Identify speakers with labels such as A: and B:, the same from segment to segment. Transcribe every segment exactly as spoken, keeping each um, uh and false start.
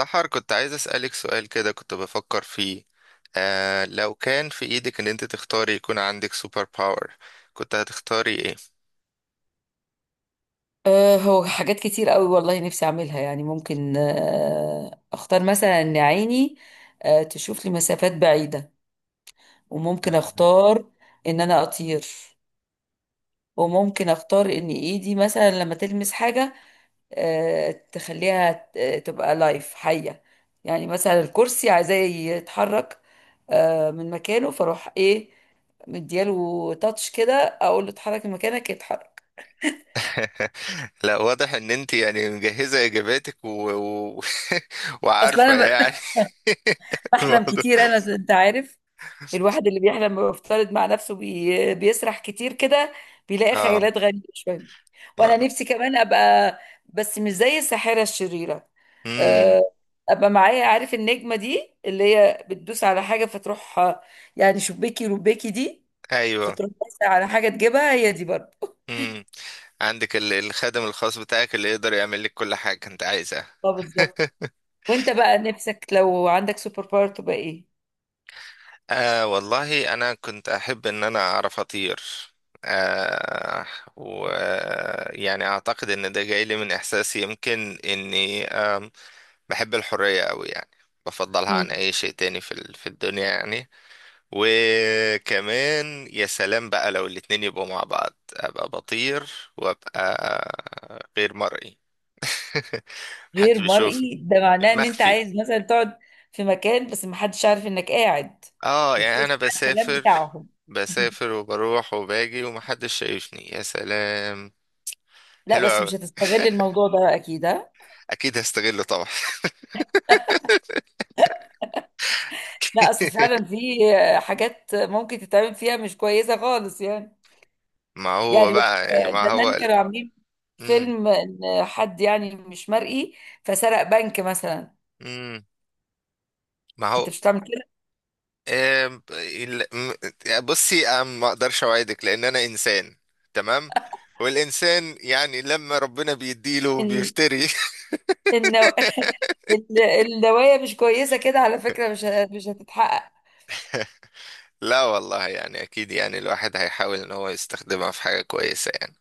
A: سحر، كنت عايز أسألك سؤال كده، كنت بفكر فيه. آه لو كان في إيدك إن أنت تختاري يكون عندك سوبر باور، كنت هتختاري إيه؟
B: آه، هو حاجات كتير قوي، والله نفسي اعملها. يعني ممكن آه، اختار مثلا ان عيني آه، تشوف لي مسافات بعيدة. وممكن
A: تمام.
B: اختار ان انا اطير. وممكن اختار ان ايدي مثلا لما تلمس حاجة آه، تخليها ت- آه، تبقى لايف حية. يعني مثلا الكرسي عايزاه يتحرك آه، من مكانه، فاروح ايه، مدياله تاتش كده، اقول له اتحرك من مكانك، يتحرك.
A: لا، واضح إن أنت يعني مجهزة إجاباتك و... و...
B: اصلا
A: وعارفة
B: انا ب-
A: يعني
B: بحلم
A: الموضوع.
B: كتير، انا انت عارف، الواحد اللي بيحلم ويفترض مع نفسه، بي... بيسرح كتير كده، بيلاقي
A: آه.
B: خيالات غريبة شوية. وانا نفسي كمان ابقى، بس مش زي الساحرة الشريرة.
A: امم.
B: أه، ابقى معايا. عارف النجمة دي اللي هي بتدوس على حاجة فتروح آه، يعني شباكي رباكي دي،
A: أيوه.
B: فتروح بس على حاجة تجيبها هي، دي برضه.
A: امم. عندك ال- الخادم الخاص بتاعك اللي يقدر يعمل لك كل حاجة أنت عايزها.
B: اه، بالظبط. وانت بقى نفسك لو عندك سوبر باور تبقى ايه؟
A: آه والله أنا كنت أحب إن أنا أعرف أطير. آه ويعني أعتقد إن ده جاي لي من إحساسي، يمكن إني آم، بحب الحرية أوي يعني، بفضلها عن أي شيء تاني في ال- في الدنيا يعني. وكمان يا سلام بقى لو الاتنين يبقوا مع بعض، أبقى بطير وأبقى غير مرئي.
B: غير
A: محدش بيشوفني،
B: مرئي؟ ده معناه ان انت
A: مخفي.
B: عايز مثلا تقعد في مكان بس محدش عارف انك قاعد،
A: اه يعني انا
B: وبتسمع الكلام
A: بسافر،
B: بتاعهم.
A: بسافر وبروح وباجي ومحدش شايفني، يا سلام.
B: لا،
A: حلو
B: بس
A: قوي.
B: مش هتستغل الموضوع ده اكيد، ها؟
A: اكيد هستغله طبعا.
B: لا، اصل فعلا في حاجات ممكن تتعمل فيها مش كويسه خالص يعني.
A: ما هو
B: يعني
A: بقى يعني ما هو
B: زمان
A: ال-
B: كانوا عاملين
A: مم.
B: فيلم ان حد يعني مش مرئي، فسرق بنك مثلا.
A: مم. ما هو
B: انت مش هتعمل كده.
A: آم، ال- م- يعني بصي، أنا ما اقدرش اوعدك لان انا انسان، تمام، والانسان يعني لما ربنا بيديله
B: ان
A: بيفتري.
B: النو... النوايا مش كويسه كده على فكره، مش ه- مش هتتحقق.
A: لا والله يعني اكيد، يعني الواحد هيحاول ان هو يستخدمها في حاجة كويسة يعني.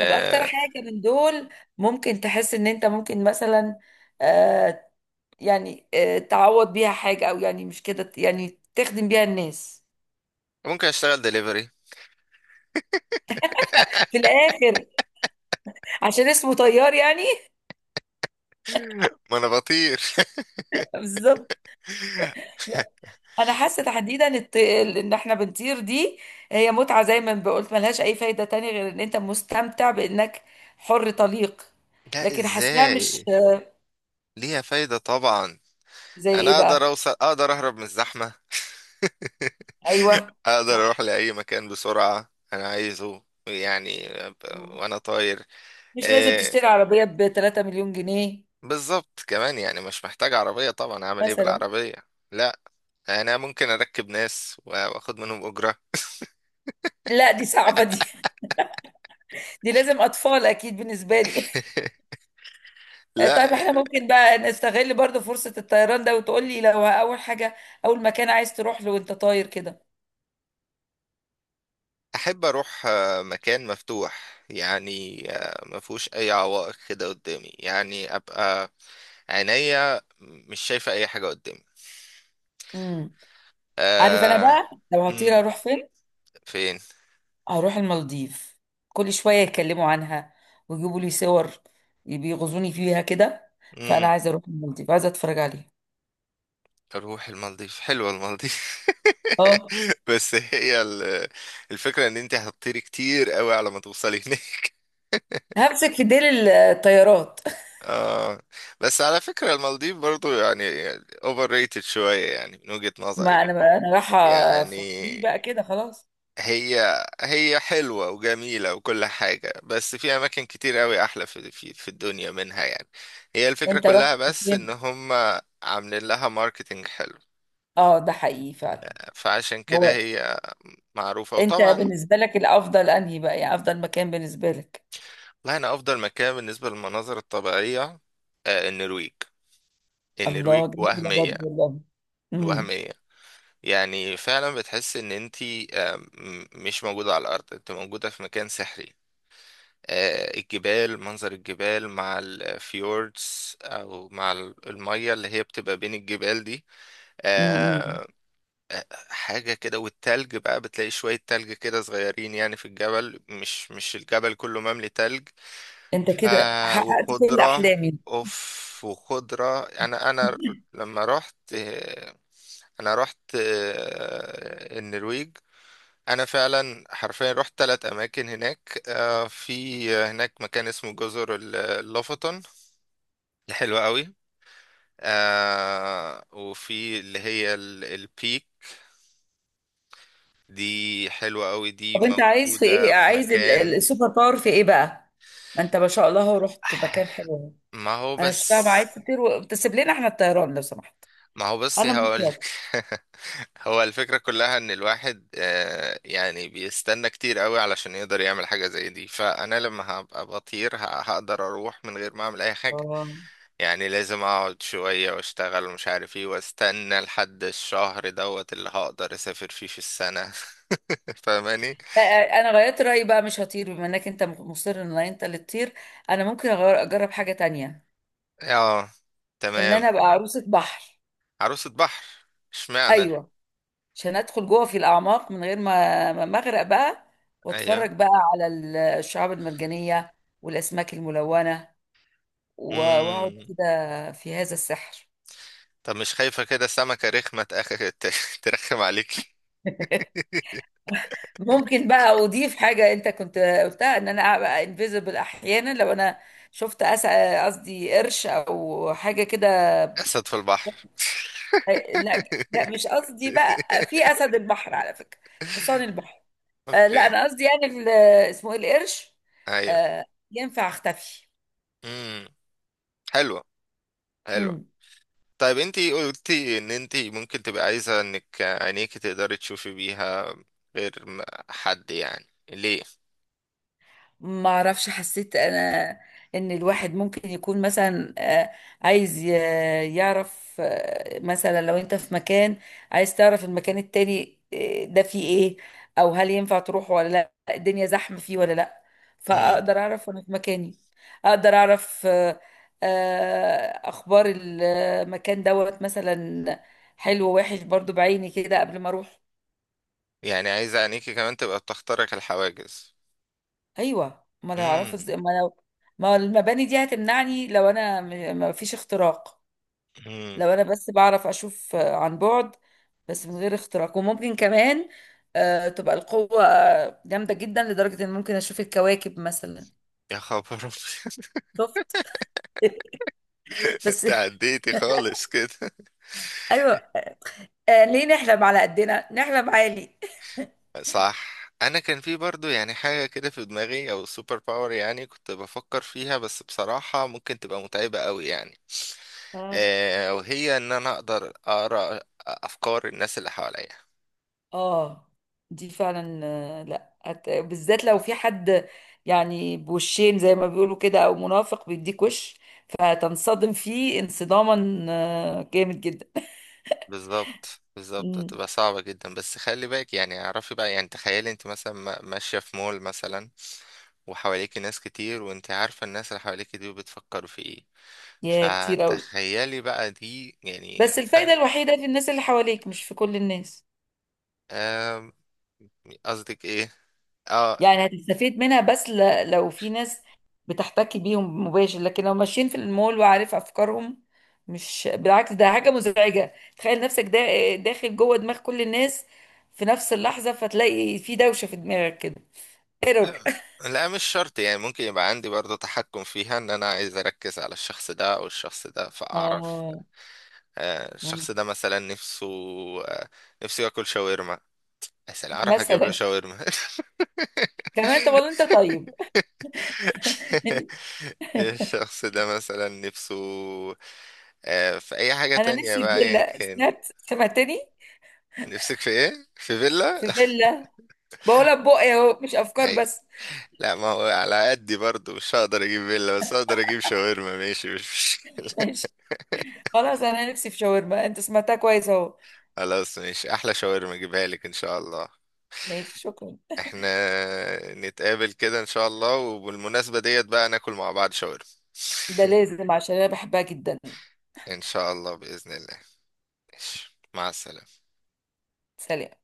B: طب اكتر حاجة من دول ممكن تحس ان انت ممكن مثلا آه يعني آه تعوض بيها حاجة، او يعني مش كده، يعني تخدم بيها الناس
A: ممكن اشتغل دليفري،
B: في الاخر، عشان اسمه طيار يعني.
A: ما انا بطير.
B: بالظبط. لا، انا حاسه تحديدا الت- ال- ان احنا بنطير دي، هي متعه زي ما قلت، ملهاش اي فايده تانية غير ان انت مستمتع بانك حر طليق.
A: لا،
B: لكن حاساها مش…
A: ازاي؟ ليها فايدة طبعا.
B: زي ايه
A: انا اقدر
B: بقى؟
A: اوصل، اقدر اهرب من الزحمة.
B: ايوه،
A: اقدر اروح
B: صح،
A: لاي مكان بسرعة انا عايزه، يعني ب- وانا طاير.
B: مش لازم
A: آه،
B: تشتري عربيه ب ثلاثة ملايين جنيه مليون جنيه
A: بالظبط، كمان يعني مش محتاج عربية طبعا، اعمل ايه
B: مثلا.
A: بالعربية؟ لا، انا ممكن اركب ناس واخد منهم اجرة.
B: لا، دي صعبة. دي دي لازم أطفال أكيد بالنسبة لي.
A: لا،
B: طيب احنا ممكن بقى نستغل برضو فرصة الطيران ده، وتقول لي لو أول حاجة، أول مكان عايز تروح له وأنت طاير كده.
A: احب اروح آه، مكان مفتوح، يعني آه، ما فيهوش اي عوائق كده قدامي، يعني ابقى عينيا مش شايفة أي حاجة قدامي.
B: امم عارف أنا
A: آه...
B: بقى لو هطير
A: مم.
B: أروح فين؟
A: فين؟
B: هروح المالديف. كل شوية يتكلموا عنها ويجيبوا لي صور، بيغزوني فيها كده. فأنا
A: مم.
B: عايزة أروح المالديف، عايزة أتفرج عليها.
A: أروح المالديف، حلوة المالديف.
B: اه،
A: بس هي ال- الفكرة إن أنت هتطيري كتير قوي على ما توصلي هناك.
B: همسك في ديل الطيارات.
A: آه. بس على فكرة المالديف برضو يعني أوفر ريتد شوية يعني، من وجهة نظري
B: ما أنا أنا رايحة في
A: يعني.
B: فري بقى كده خلاص.
A: هي هي حلوة وجميلة وكل حاجة، بس في أماكن كتير أوي أحلى في في في الدنيا منها يعني. هي الفكرة
B: أنت رحت
A: كلها بس
B: فين؟
A: إن هم عاملين لها ماركتينج حلو،
B: اه، ده حقيقي فعلا.
A: فعشان كده
B: هو
A: هي معروفة
B: انت
A: وطبعا.
B: بالنسبة لك الافضل انهي بقى، يعني افضل مكان بالنسبة لك؟
A: لا، أنا أفضل مكان بالنسبة للمناظر الطبيعية آه، النرويج. النرويج
B: الله، جميلة
A: وهمية.
B: برضه والله. امم،
A: وهمية. يعني فعلا بتحس إن أنتي آه، م- مش موجودة على الأرض، أنت موجودة في مكان سحري. آه، الجبال، منظر الجبال مع الفيوردز او مع ال- المية اللي هي بتبقى بين الجبال دي.
B: امم، إمم.
A: آه، آه، حاجة كده، والتلج بقى بتلاقي شوية تلج كده صغيرين يعني في الجبل، مش مش الجبل كله مملي تلج.
B: انت
A: ف
B: كده حققت كل
A: وخضرة.
B: احلامي.
A: اوف، وخضرة. انا انا لما رحت آه، انا رحت آه، النرويج. انا فعلا حرفيا رحت ثلاث اماكن هناك. آه، في هناك مكان اسمه جزر ال- اللوفطن، حلوة قوي. آه، وفي اللي هي ال- البيك دي، حلوة قوي، دي
B: طب انت عايز في
A: موجودة
B: ايه،
A: في
B: عايز ال- ال-
A: مكان.
B: السوبر باور في ايه بقى؟ ما انت ما شاء الله رحت مكان حلو.
A: ما هو
B: انا مش فاهمة،
A: بس
B: عايز تطير وتسيب لنا احنا الطيران لو سمحت.
A: ما هو بس
B: انا مش هطير.
A: هقولك. هو الفكرة كلها ان الواحد آه، يعني بيستنى كتير قوي علشان يقدر يعمل حاجة زي دي، فانا لما هبقى بطير ه- هقدر اروح من غير ما اعمل اي حاجة.
B: اه،
A: يعني لازم اقعد شوية واشتغل ومش عارف ايه، واستنى لحد الشهر دوت اللي هقدر اسافر فيه في السنة. فاهماني؟
B: لا، انا غيرت رايي بقى، مش هطير بما انك انت مصر ان انت اللي تطير. انا ممكن أغير- اجرب حاجة تانية.
A: اه.
B: ان
A: تمام.
B: انا ابقى عروسة بحر.
A: عروسة بحر، اشمعنى؟
B: ايوه، عشان ادخل جوه في الاعماق من غير ما ما ما اغرق بقى،
A: ايوه.
B: واتفرج بقى على ال- الشعاب المرجانية والاسماك الملونة، و- واقعد
A: امم.
B: كده في هذا السحر.
A: طب مش خايفة كده سمكة رخمة تأخ- ت- ترخم عليك؟
B: ممكن بقى اضيف حاجة انت كنت قلتها، ان انا ابقى انفيزبل احيانا لو انا شفت أس- قصدي قرش او حاجة كده.
A: اسد في البحر.
B: لا، لا مش قصدي بقى في اسد البحر، على فكرة حصان البحر. آه لا،
A: اوكي.
B: انا قصدي يعني ال- اسمه ايه، القرش.
A: ايوه.
B: آه ينفع اختفي.
A: امم. حلوة حلوة.
B: مم.
A: طيب، انتي قلتي ان انتي ممكن تبقى عايزة انك عينيكي تقدري تشوفي بيها غير م- حد، يعني ليه؟
B: ما اعرفش، حسيت انا ان الواحد ممكن يكون مثلا آه، عايز ي- يعرف آه، مثلا لو انت في مكان، عايز تعرف المكان التاني آه، ده فيه ايه، او هل ينفع تروح ولا لا، الدنيا زحمة فيه ولا لا.
A: مم.
B: فاقدر اعرف وانا في مكاني. اقدر اعرف آه، آه، اخبار المكان دوت مثلا، حلو ووحش برضو بعيني كده قبل ما اروح.
A: يعني عايزة عينيكي كمان تبقى بتخترق الحواجز؟
B: ايوه، ما انا هعرفه
A: مم.
B: ازاي ما لو ما المباني دي هتمنعني لو انا م- ما فيش اختراق.
A: مم.
B: لو انا بس بعرف اشوف آه، عن بعد، بس من غير اختراق. وممكن كمان آه، تبقى القوة آه، جامدة جدا لدرجة ان ممكن اشوف الكواكب مثلا.
A: يا خبر أبيض.
B: شفت؟ بس
A: انت عديتي خالص كده.
B: ايوه، آه، ليه نحلم على قدنا، نحلم عالي.
A: صح، انا كان في برضو يعني حاجة كده في دماغي او سوبر باور يعني كنت بفكر فيها، بس بصراحة ممكن تبقى متعبة قوي يعني.
B: آه.
A: آه وهي ان انا اقدر اقرا افكار الناس اللي حواليا.
B: اه، دي فعلا آه، لا هت- بالذات لو في حد يعني بوشين زي ما بيقولوا كده، او منافق بيديك وش، فتنصدم فيه انصداما آه، جامد جدا.
A: بالظبط بالظبط،
B: مم.
A: هتبقى صعبة جدا. بس خلي بالك يعني، اعرفي بقى يعني، تخيلي انت مثلا ما- ماشية في مول مثلا، وحواليكي ناس كتير وانت عارفة الناس اللي حواليكي دي بتفكروا في ايه،
B: يا، كتير قوي.
A: فتخيلي بقى دي يعني.
B: بس الفايدة الوحيدة في الناس اللي حواليك، مش في كل الناس.
A: آم، قصدك ايه؟ اه.
B: يعني هتستفيد منها بس ل- لو في ناس بتحتكي بيهم مباشر، لكن لو ماشيين في المول وعارف افكارهم، مش بالعكس، ده حاجة مزعجة. تخيل نفسك دا داخل جوه دماغ كل الناس في نفس اللحظة، فتلاقي في دوشة في دماغك كده، ايرور.
A: لا، مش شرط، يعني ممكن يبقى عندي برضه تحكم فيها ان انا عايز اركز على الشخص ده او الشخص ده فاعرف
B: اه.
A: آه،
B: مم.
A: الشخص ده مثلا نفسه آه، نفسه ياكل شاورما، مثلا اروح اجيب له
B: مثلا.
A: شاورما.
B: كمان طب والله انت طيب.
A: الشخص ده مثلا نفسه آه، في اي حاجة
B: انا
A: تانية
B: نفسي في
A: بقى، ايا
B: فيلا،
A: كان.
B: سمعت؟ سمعتني؟
A: نفسك في ايه؟ في فيلا؟
B: في فيلا، بقولها ببقي اهو، مش افكار
A: ايوه.
B: بس.
A: لا، ما هو على قدي برضو مش هقدر اجيب فيلا، بس هقدر اجيب شاورما. ماشي، مش مش-
B: ماشي، خلاص انا نفسي في شاورما، انت سمعتها كويس اهو.
A: خلاص، ماشي، احلى شاورما اجيبها لك ان شاء الله.
B: ماشي، شكرا.
A: احنا نتقابل كده ان شاء الله، وبالمناسبة ديت بقى ناكل مع بعض شاورما.
B: ده لازم عشان انا بحبها جدا.
A: ان شاء الله بإذن الله. ماشي، مع السلامة.
B: سلام.